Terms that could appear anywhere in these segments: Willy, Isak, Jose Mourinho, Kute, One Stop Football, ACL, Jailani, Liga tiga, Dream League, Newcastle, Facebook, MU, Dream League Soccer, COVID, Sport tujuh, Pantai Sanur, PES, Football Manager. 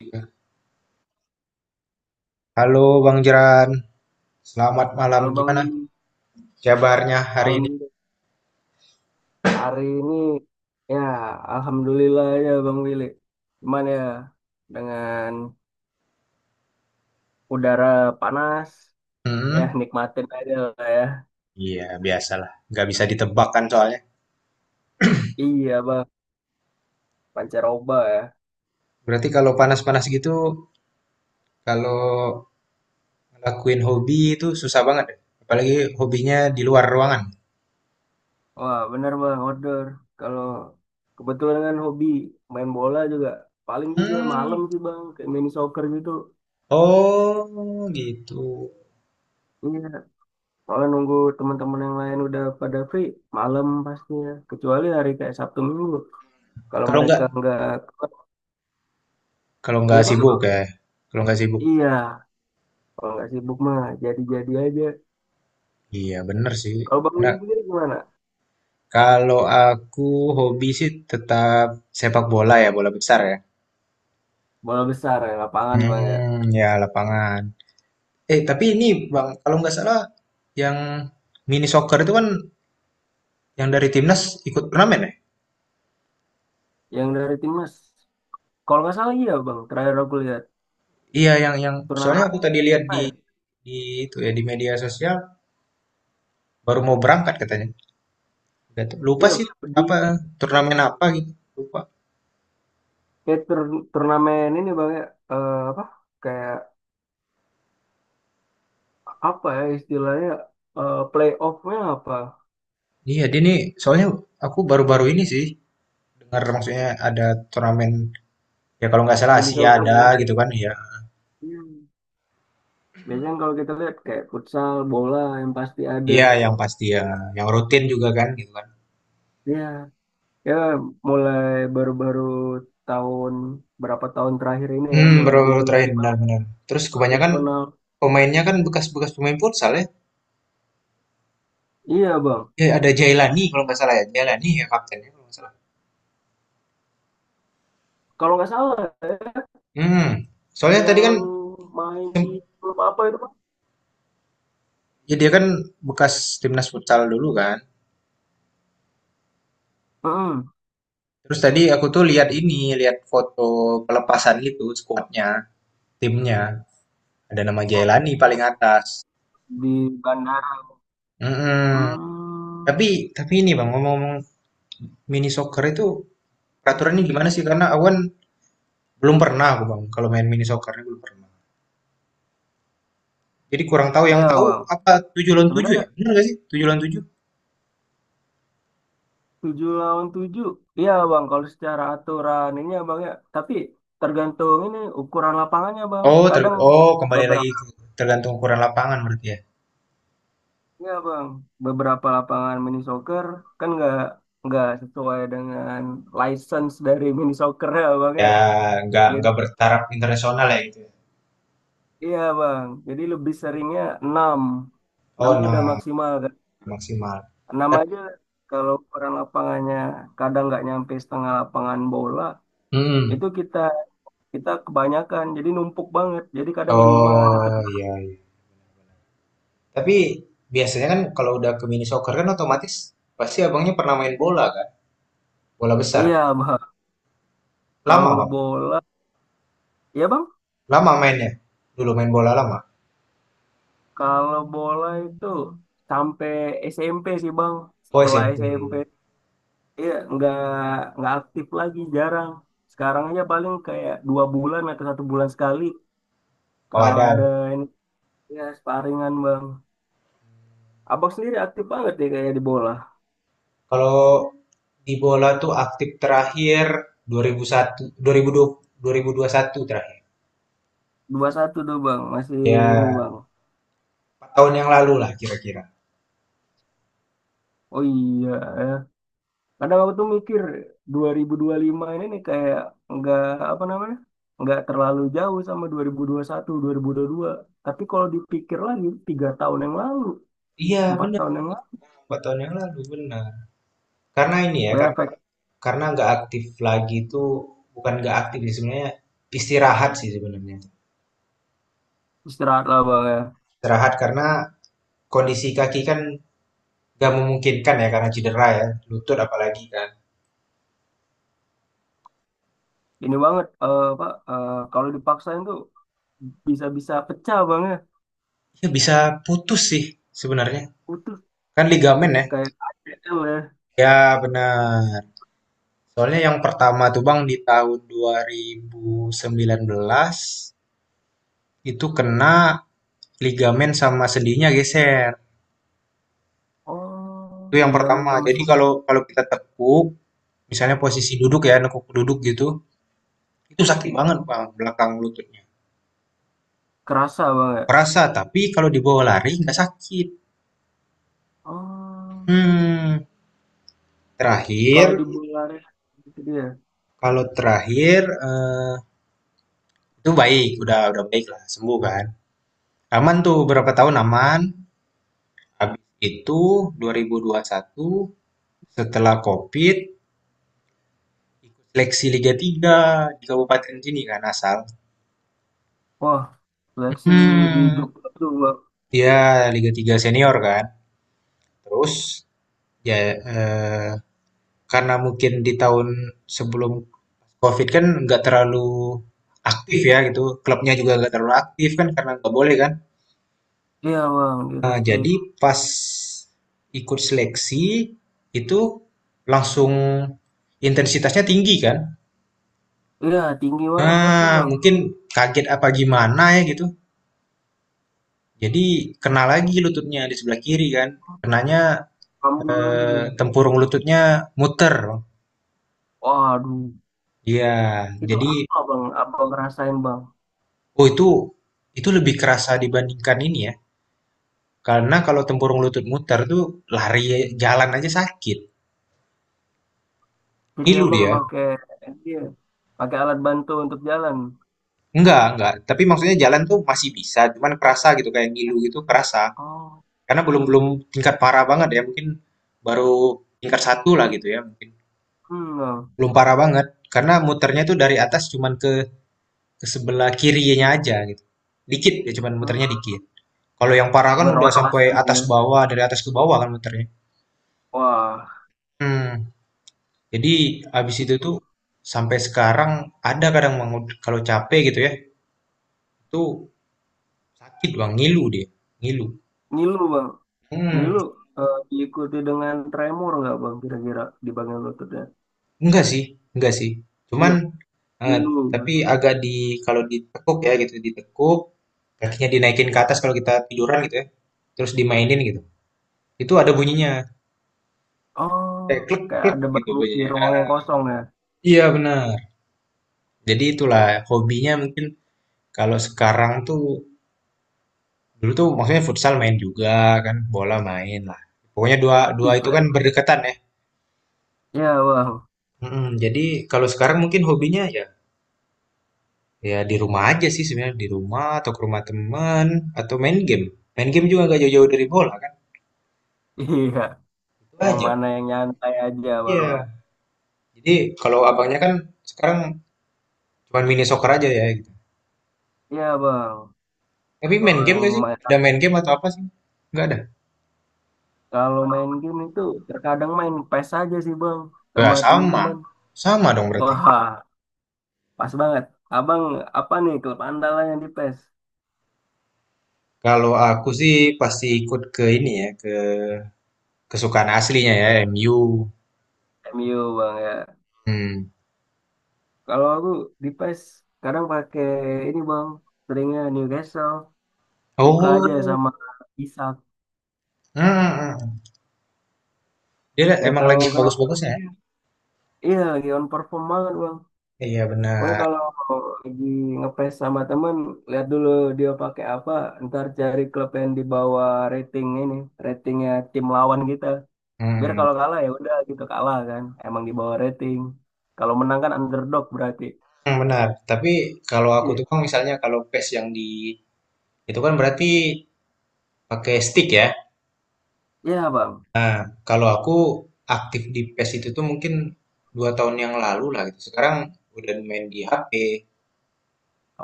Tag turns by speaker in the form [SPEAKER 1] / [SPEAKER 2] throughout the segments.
[SPEAKER 1] Ya. Halo Bang Jeran, selamat malam.
[SPEAKER 2] Halo Bang
[SPEAKER 1] Gimana
[SPEAKER 2] Willy,
[SPEAKER 1] kabarnya hari ini?
[SPEAKER 2] malam hari ini ya alhamdulillah ya Bang Willy. Cuman ya dengan udara panas ya
[SPEAKER 1] Hmm,
[SPEAKER 2] nikmatin aja lah ya.
[SPEAKER 1] iya biasalah, nggak bisa ditebak kan soalnya.
[SPEAKER 2] Iya Bang, pancaroba ya.
[SPEAKER 1] Berarti kalau panas-panas gitu, kalau ngelakuin hobi itu susah banget, ya? Apalagi hobinya di luar ruangan.
[SPEAKER 2] Wah bener Bang, outdoor. Kalau kebetulan kan hobi main bola juga. Paling juga malam
[SPEAKER 1] Hmm,
[SPEAKER 2] sih Bang, kayak mini soccer gitu.
[SPEAKER 1] oh gitu.
[SPEAKER 2] Iya, soalnya nunggu teman-teman yang lain udah pada free, malam pastinya. Kecuali hari kayak Sabtu Minggu. Kalau
[SPEAKER 1] Kalau
[SPEAKER 2] mereka
[SPEAKER 1] nggak,
[SPEAKER 2] nggak,
[SPEAKER 1] kalau
[SPEAKER 2] ya
[SPEAKER 1] nggak
[SPEAKER 2] Bang.
[SPEAKER 1] sibuk ya, kalau nggak sibuk.
[SPEAKER 2] Iya, kalau nggak sibuk mah jadi-jadi aja.
[SPEAKER 1] Iya bener sih.
[SPEAKER 2] Kalau Bang Willy
[SPEAKER 1] Nah,
[SPEAKER 2] sendiri gimana?
[SPEAKER 1] kalau aku hobi sih tetap sepak bola ya, bola besar ya.
[SPEAKER 2] Bola besar ya, lapangan Bang, ya.
[SPEAKER 1] Hmm, ya lapangan. Eh, tapi ini Bang, kalau nggak salah yang mini soccer itu kan yang dari timnas ikut turnamen ya?
[SPEAKER 2] Yang dari timnas, kalau nggak salah iya Bang, terakhir aku lihat
[SPEAKER 1] Iya, yang
[SPEAKER 2] turnamen
[SPEAKER 1] soalnya aku tadi lihat
[SPEAKER 2] apa
[SPEAKER 1] di
[SPEAKER 2] ya?
[SPEAKER 1] di itu ya di media sosial baru mau berangkat katanya. Nggak tahu- Lupa
[SPEAKER 2] Iya,
[SPEAKER 1] sih
[SPEAKER 2] di
[SPEAKER 1] apa turnamen apa gitu. Lupa.
[SPEAKER 2] kayak turnamen ini Bang ya, eh, apa? Kayak apa ya istilahnya, eh, playoff-nya apa?
[SPEAKER 1] Iya, dia nih soalnya aku baru-baru ini sih dengar maksudnya ada turnamen ya kalau nggak salah
[SPEAKER 2] Mini
[SPEAKER 1] Asia
[SPEAKER 2] soccer
[SPEAKER 1] ada
[SPEAKER 2] ya.
[SPEAKER 1] gitu kan ya.
[SPEAKER 2] Iya. Biasanya kalau kita lihat kayak futsal, bola yang pasti ada.
[SPEAKER 1] Iya, yang pasti ya, yang rutin juga kan gitu kan.
[SPEAKER 2] Iya, ya mulai baru-baru tahun berapa tahun terakhir ini ya
[SPEAKER 1] Hmm,
[SPEAKER 2] mulai
[SPEAKER 1] baru-baru
[SPEAKER 2] digeluti
[SPEAKER 1] terakhir benar-benar. Terus kebanyakan
[SPEAKER 2] profesional.
[SPEAKER 1] pemainnya kan bekas-bekas pemain futsal ya.
[SPEAKER 2] Iya, Bang.
[SPEAKER 1] Eh, ada Jailani kalau nggak salah ya. Jailani ya kaptennya kalau nggak salah.
[SPEAKER 2] Kalau nggak salah ya,
[SPEAKER 1] Hmm. Soalnya tadi kan
[SPEAKER 2] yang main di
[SPEAKER 1] tim-
[SPEAKER 2] klub apa itu, Bang?
[SPEAKER 1] ya dia kan bekas timnas futsal dulu kan.
[SPEAKER 2] Mm,
[SPEAKER 1] Terus tadi aku tuh lihat ini, lihat foto pelepasan gitu skuadnya, timnya. Ada nama Jailani paling atas.
[SPEAKER 2] di bandara.
[SPEAKER 1] Mm-mm. Tapi
[SPEAKER 2] Hmm,
[SPEAKER 1] tapi ini Bang, ngomong-ngomong mini soccer itu peraturannya gimana sih? Karena aku kan belum pernah aku Bang kalau main mini soccer ini belum pernah. Jadi kurang tahu yang
[SPEAKER 2] iya
[SPEAKER 1] tahu
[SPEAKER 2] bang.
[SPEAKER 1] apa 7 lawan 7
[SPEAKER 2] Sebenarnya
[SPEAKER 1] ya? Benar nggak sih? Tujuh lawan 7?
[SPEAKER 2] 7 lawan 7, iya bang. Kalau secara aturan ini ya bang ya, tapi tergantung ini ukuran lapangannya bang.
[SPEAKER 1] Oh,
[SPEAKER 2] Kadang
[SPEAKER 1] kembali lagi
[SPEAKER 2] beberapa,
[SPEAKER 1] tergantung ukuran lapangan berarti ya.
[SPEAKER 2] ya bang, beberapa lapangan mini soccer kan nggak sesuai dengan license dari mini soccer ya bang ya.
[SPEAKER 1] Ya, nggak bertaraf internasional ya gitu, ya.
[SPEAKER 2] Iya bang, jadi lebih seringnya 6, enam
[SPEAKER 1] Oh,
[SPEAKER 2] tuh udah
[SPEAKER 1] nah
[SPEAKER 2] maksimal kan.
[SPEAKER 1] maksimal.
[SPEAKER 2] 6
[SPEAKER 1] Tapi,
[SPEAKER 2] aja kalau ukuran lapangannya kadang nggak nyampe setengah lapangan bola,
[SPEAKER 1] Mm-mm.
[SPEAKER 2] itu kita kita kebanyakan, jadi numpuk banget. Jadi kadang 5 tetap.
[SPEAKER 1] Oh iya, iya. Tapi biasanya kan kalau udah ke mini soccer kan otomatis pasti abangnya pernah main bola kan, bola besar.
[SPEAKER 2] Iya bang,
[SPEAKER 1] Lama
[SPEAKER 2] kalau
[SPEAKER 1] bang,
[SPEAKER 2] bola, ya bang,
[SPEAKER 1] lama mainnya. Dulu main bola lama.
[SPEAKER 2] kalau bola itu sampai SMP sih bang.
[SPEAKER 1] Oh
[SPEAKER 2] Setelah
[SPEAKER 1] SMP.
[SPEAKER 2] SMP, iya nggak aktif lagi, jarang. Sekarang aja paling kayak 2 bulan atau 1 bulan sekali.
[SPEAKER 1] Oh
[SPEAKER 2] Kalau ada.
[SPEAKER 1] ada.
[SPEAKER 2] Ya, sparingan bang. Abang sendiri aktif banget ya kayak di bola.
[SPEAKER 1] Kalau di bola tuh aktif terakhir 2001, 2020, dua ribu ribu ribu satu dua puluh satu terakhir.
[SPEAKER 2] Dua satu tuh bang, masih ini
[SPEAKER 1] Ya,
[SPEAKER 2] bang.
[SPEAKER 1] 4 tahun yang lalu lah kira-kira.
[SPEAKER 2] Oh iya ya. Kadang aku tuh mikir 2025 ini nih kayak nggak apa namanya, nggak terlalu jauh sama dua dua dua puluh satu, dua ribu ribu puluh satu puluh dua. Tapi kalau dipikir lagi, 3 tahun yang lalu,
[SPEAKER 1] Iya
[SPEAKER 2] empat
[SPEAKER 1] benar.
[SPEAKER 2] tahun yang lalu,
[SPEAKER 1] Empat tahun yang lalu benar. Karena ini ya
[SPEAKER 2] ya efek
[SPEAKER 1] karena nggak aktif lagi itu bukan nggak aktif sih sebenarnya.
[SPEAKER 2] istirahat lah bang ya.
[SPEAKER 1] Istirahat karena kondisi kaki kan nggak memungkinkan ya karena cedera ya lutut apalagi kan.
[SPEAKER 2] Ini banget, eh, apa, eh, kalau dipaksain tuh bisa-bisa pecah bang ya.
[SPEAKER 1] Ya bisa putus sih sebenarnya.
[SPEAKER 2] Utuh
[SPEAKER 1] Kan ligamen ya.
[SPEAKER 2] kayak ACL ya.
[SPEAKER 1] Ya benar. Soalnya yang pertama tuh Bang di tahun 2019 itu kena ligamen sama sendinya geser.
[SPEAKER 2] Oh,
[SPEAKER 1] Itu yang
[SPEAKER 2] ligamen
[SPEAKER 1] pertama.
[SPEAKER 2] sama
[SPEAKER 1] Jadi kalau kalau kita tekuk, misalnya posisi duduk ya, nekuk duduk gitu, itu sakit banget Bang, belakang lututnya.
[SPEAKER 2] kerasa banget, ya?
[SPEAKER 1] Kerasa, tapi kalau dibawa lari nggak sakit.
[SPEAKER 2] Oh,
[SPEAKER 1] Hmm,
[SPEAKER 2] kalau
[SPEAKER 1] terakhir,
[SPEAKER 2] di bola arena gitu dia.
[SPEAKER 1] kalau terakhir eh, itu baik, udah baik lah, sembuh kan. Aman tuh berapa tahun aman. Habis itu dua 2021 setelah COVID ikut seleksi Liga 3 di kabupaten sini kan asal.
[SPEAKER 2] Wah, seleksi di
[SPEAKER 1] Hmm,
[SPEAKER 2] Jogja tuh bang.
[SPEAKER 1] dia Liga 3 senior kan. Terus Ya, eee, karena mungkin di tahun sebelum COVID kan nggak terlalu aktif ya gitu, klubnya juga nggak terlalu aktif kan karena nggak boleh kan.
[SPEAKER 2] Iya bang, di
[SPEAKER 1] Eee,
[SPEAKER 2] Restrip.
[SPEAKER 1] jadi pas ikut seleksi itu langsung intensitasnya tinggi kan.
[SPEAKER 2] Iya, tinggi banget pasti
[SPEAKER 1] Ah,
[SPEAKER 2] bang.
[SPEAKER 1] mungkin kaget apa gimana ya gitu, jadi kena lagi lututnya di sebelah kiri kan. Kenanya,
[SPEAKER 2] Ambil lagi.
[SPEAKER 1] tempurung lututnya muter.
[SPEAKER 2] Waduh,
[SPEAKER 1] Iya,
[SPEAKER 2] itu
[SPEAKER 1] jadi
[SPEAKER 2] apa bang? Apa ngerasain bang?
[SPEAKER 1] Oh itu lebih kerasa dibandingkan ini ya. Karena kalau tempurung lutut muter tuh lari jalan aja sakit.
[SPEAKER 2] Jadi
[SPEAKER 1] Ngilu
[SPEAKER 2] abang
[SPEAKER 1] dia.
[SPEAKER 2] pakai, iya, pakai alat bantu untuk jalan.
[SPEAKER 1] Enggak, enggak. Tapi maksudnya jalan tuh masih bisa, cuman kerasa gitu kayak ngilu gitu kerasa.
[SPEAKER 2] Oh,
[SPEAKER 1] Karena belum belum tingkat parah banget ya, mungkin baru tingkat satu lah gitu ya mungkin.
[SPEAKER 2] hmm, bang.
[SPEAKER 1] Belum parah banget karena muternya tuh dari atas cuman ke sebelah kirinya aja gitu. Dikit ya cuman
[SPEAKER 2] Hmm.
[SPEAKER 1] muternya dikit. Kalau yang parah kan udah sampai
[SPEAKER 2] Berotasi
[SPEAKER 1] atas
[SPEAKER 2] ya.
[SPEAKER 1] bawah, dari atas ke bawah kan muternya.
[SPEAKER 2] Wah,
[SPEAKER 1] Hmm. Jadi abis itu tuh sampai sekarang ada kadang Bang, kalau capek gitu ya, itu sakit Bang, ngilu dia, ngilu.
[SPEAKER 2] ngilu bang.
[SPEAKER 1] Hmm,
[SPEAKER 2] Ngilu eh, diikuti dengan tremor nggak bang? Kira-kira di bagian lututnya?
[SPEAKER 1] enggak sih, enggak sih. Cuman
[SPEAKER 2] Enggak,
[SPEAKER 1] eh,
[SPEAKER 2] dulu.
[SPEAKER 1] tapi agak di kalau ditekuk ya gitu, ditekuk, kakinya dinaikin ke atas kalau kita tiduran gitu ya, terus dimainin gitu. Itu ada bunyinya,
[SPEAKER 2] Oh,
[SPEAKER 1] kayak klek
[SPEAKER 2] kayak
[SPEAKER 1] klek
[SPEAKER 2] ada
[SPEAKER 1] gitu
[SPEAKER 2] baru di
[SPEAKER 1] bunyinya.
[SPEAKER 2] ruang yang kosong ya.
[SPEAKER 1] Iya benar. Jadi itulah hobinya mungkin kalau sekarang tuh dulu tuh maksudnya futsal main juga kan, bola main lah. Pokoknya dua dua itu kan
[SPEAKER 2] Tiba.
[SPEAKER 1] berdekatan ya.
[SPEAKER 2] Ya, Bang.
[SPEAKER 1] Mm-mm, jadi kalau sekarang mungkin hobinya ya ya di rumah aja sih sebenarnya di rumah atau ke rumah teman atau main game. Main game juga gak jauh-jauh dari bola kan.
[SPEAKER 2] Iya,
[SPEAKER 1] Itu
[SPEAKER 2] yang
[SPEAKER 1] aja.
[SPEAKER 2] mana yang nyantai aja, Bang ya.
[SPEAKER 1] Iya. Jadi kalau abangnya kan sekarang cuman mini soccer aja ya gitu.
[SPEAKER 2] Iya, Bang.
[SPEAKER 1] Tapi main
[SPEAKER 2] Kalau
[SPEAKER 1] game
[SPEAKER 2] yang
[SPEAKER 1] gak sih?
[SPEAKER 2] main
[SPEAKER 1] Ada main game atau apa sih? Nggak ada.
[SPEAKER 2] kalau main game itu terkadang main PES aja sih, Bang, sama
[SPEAKER 1] Nggak sama.
[SPEAKER 2] teman-teman.
[SPEAKER 1] Sama dong berarti.
[SPEAKER 2] Wah, pas banget. Abang apa nih klub andalannya di PES?
[SPEAKER 1] Kalau aku sih pasti ikut ke ini ya, ke kesukaan aslinya ya, MU.
[SPEAKER 2] MU, Bang ya.
[SPEAKER 1] Hmm.
[SPEAKER 2] Kalau aku di PES kadang pakai ini, Bang. Seringnya Newcastle. Suka aja
[SPEAKER 1] Oh,
[SPEAKER 2] sama Isak.
[SPEAKER 1] hmm. Hmm, hmm. Dia
[SPEAKER 2] Gak
[SPEAKER 1] emang
[SPEAKER 2] tahu
[SPEAKER 1] lagi
[SPEAKER 2] kenapa.
[SPEAKER 1] bagus-bagusnya ya?
[SPEAKER 2] Iya lagi on perform banget bang.
[SPEAKER 1] Iya
[SPEAKER 2] Pokoknya
[SPEAKER 1] benar.
[SPEAKER 2] kalau lagi ngepes sama temen, lihat dulu dia pakai apa, ntar cari klub yang di bawah rating ini, ratingnya tim lawan kita. Biar
[SPEAKER 1] Hmm.
[SPEAKER 2] kalau kalah ya udah gitu kalah kan, emang di bawah rating. Kalau menang kan underdog berarti.
[SPEAKER 1] Hmm. Benar. Tapi kalau aku
[SPEAKER 2] Iya.
[SPEAKER 1] tuh kan misalnya kalau pace yang di itu kan berarti pakai stick ya.
[SPEAKER 2] Iya bang.
[SPEAKER 1] Nah, kalau aku aktif di PES itu tuh mungkin 2 tahun yang lalu lah gitu. Sekarang udah main di HP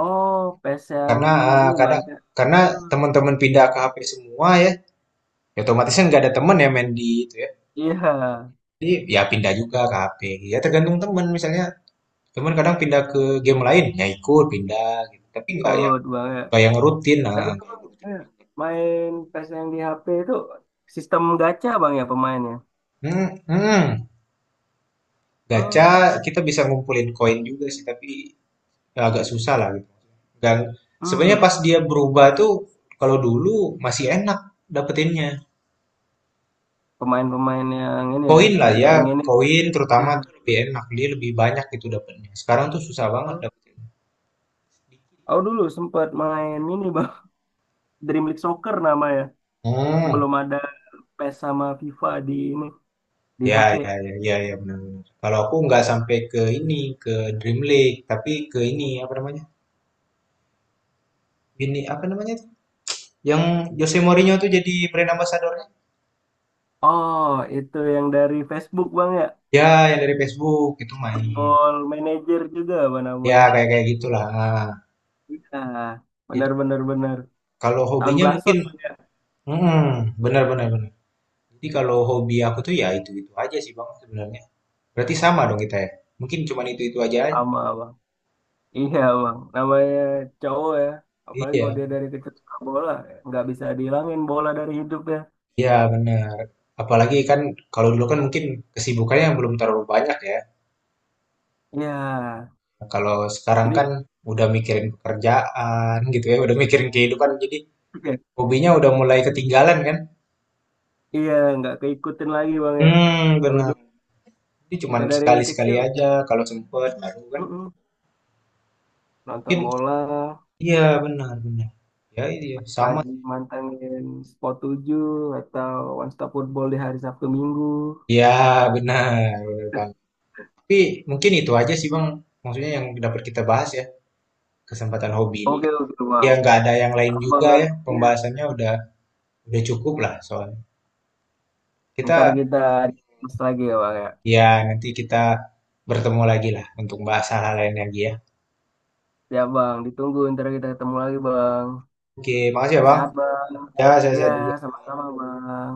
[SPEAKER 2] Oh, PES yang
[SPEAKER 1] karena
[SPEAKER 2] di ini bang
[SPEAKER 1] kadang
[SPEAKER 2] ya.
[SPEAKER 1] karena
[SPEAKER 2] Hmm,
[SPEAKER 1] teman-teman pindah ke HP semua ya. Ya otomatis kan nggak ada teman ya main di itu ya.
[SPEAKER 2] iya,
[SPEAKER 1] Jadi ya pindah juga ke HP. Ya tergantung teman misalnya. Cuman kadang pindah ke game lain, ya ikut pindah gitu. Tapi nggak yang
[SPEAKER 2] ikut bang ya.
[SPEAKER 1] nggak yang rutin, nah,
[SPEAKER 2] Tapi
[SPEAKER 1] nggak yang
[SPEAKER 2] abang
[SPEAKER 1] rutin
[SPEAKER 2] eh,
[SPEAKER 1] banget.
[SPEAKER 2] main PES yang di HP itu sistem gacha bang ya pemainnya.
[SPEAKER 1] Hmm, hmm. Gacha
[SPEAKER 2] Hmm.
[SPEAKER 1] kita bisa ngumpulin koin juga sih, tapi ya agak susah lah gitu. Dan sebenarnya
[SPEAKER 2] Hmm,
[SPEAKER 1] pas dia berubah tuh kalau dulu masih enak dapetinnya.
[SPEAKER 2] pemain-pemain yang ini ya,
[SPEAKER 1] Koin
[SPEAKER 2] yang
[SPEAKER 1] lah
[SPEAKER 2] kita
[SPEAKER 1] ya,
[SPEAKER 2] inginin.
[SPEAKER 1] koin
[SPEAKER 2] Ya.
[SPEAKER 1] terutama tuh lebih enak, dia lebih banyak gitu dapetnya. Sekarang tuh susah banget
[SPEAKER 2] Oh,
[SPEAKER 1] dapetin.
[SPEAKER 2] aku dulu sempat main ini bang, Dream League Soccer namanya.
[SPEAKER 1] Hmm.
[SPEAKER 2] Sebelum ada PES sama FIFA di ini di
[SPEAKER 1] Ya,
[SPEAKER 2] HP.
[SPEAKER 1] ya, ya, ya, ya benar-benar. Kalau aku nggak sampai ke ini, ke Dream League, tapi ke ini apa namanya? Ini apa namanya, tuh? Yang Jose Mourinho tuh jadi brand ambassador-nya.
[SPEAKER 2] Oh, itu yang dari Facebook bang ya,
[SPEAKER 1] Ya, yang dari Facebook itu main.
[SPEAKER 2] Football Manager juga apa
[SPEAKER 1] Ya,
[SPEAKER 2] namanya.
[SPEAKER 1] kayak kayak gitulah.
[SPEAKER 2] Iya,
[SPEAKER 1] Jadi
[SPEAKER 2] benar-benar benar, benar.
[SPEAKER 1] kalau
[SPEAKER 2] Tahun
[SPEAKER 1] hobinya
[SPEAKER 2] belasan
[SPEAKER 1] mungkin,
[SPEAKER 2] bang ya,
[SPEAKER 1] hmm, benar, benar, benar. Jadi kalau hobi aku tuh ya itu aja sih bang sebenarnya. Berarti sama dong kita ya. Mungkin cuman itu aja.
[SPEAKER 2] sama bang. Iya bang, namanya cowok ya. Apalagi kalau
[SPEAKER 1] Iya,
[SPEAKER 2] dia dari kecil suka bola, nggak bisa dihilangin bola dari hidup ya.
[SPEAKER 1] iya benar. Apalagi kan kalau dulu kan mungkin kesibukannya yang belum terlalu banyak ya.
[SPEAKER 2] Iya,
[SPEAKER 1] Nah, kalau sekarang kan
[SPEAKER 2] jadi.
[SPEAKER 1] udah mikirin pekerjaan gitu ya, udah mikirin
[SPEAKER 2] ya,
[SPEAKER 1] kehidupan, jadi
[SPEAKER 2] Oke.
[SPEAKER 1] hobinya udah mulai ketinggalan kan?
[SPEAKER 2] Iya, nggak keikutin lagi bang ya.
[SPEAKER 1] Hmm,
[SPEAKER 2] Kalau
[SPEAKER 1] benar.
[SPEAKER 2] dulu
[SPEAKER 1] Jadi cuman
[SPEAKER 2] kita dari
[SPEAKER 1] sekali-sekali
[SPEAKER 2] kecil
[SPEAKER 1] aja kalau sempet, baru kan?
[SPEAKER 2] mm-mm, nonton
[SPEAKER 1] Mungkin
[SPEAKER 2] bola
[SPEAKER 1] iya benar benar. Ya iya sama.
[SPEAKER 2] pagi mantengin Sport 7 atau One Stop Football di hari Sabtu Minggu.
[SPEAKER 1] Ya benar, benar bang. Tapi mungkin itu aja sih bang, maksudnya yang dapat kita bahas ya kesempatan hobi ini.
[SPEAKER 2] Oke, oke
[SPEAKER 1] Ya
[SPEAKER 2] bang.
[SPEAKER 1] nggak ada yang lain juga ya,
[SPEAKER 2] Abang, iya.
[SPEAKER 1] pembahasannya udah cukup lah soalnya.
[SPEAKER 2] Ntar
[SPEAKER 1] Kita
[SPEAKER 2] kita discuss lagi ya bang ya.
[SPEAKER 1] Iya, nanti kita bertemu lagi lah untuk bahas hal-hal lain lagi ya.
[SPEAKER 2] Ya bang, ditunggu ntar kita ketemu lagi bang.
[SPEAKER 1] Oke, makasih
[SPEAKER 2] Ya
[SPEAKER 1] ya Bang.
[SPEAKER 2] sehat bang.
[SPEAKER 1] Ya, saya
[SPEAKER 2] Iya,
[SPEAKER 1] sehat juga.
[SPEAKER 2] sama-sama bang.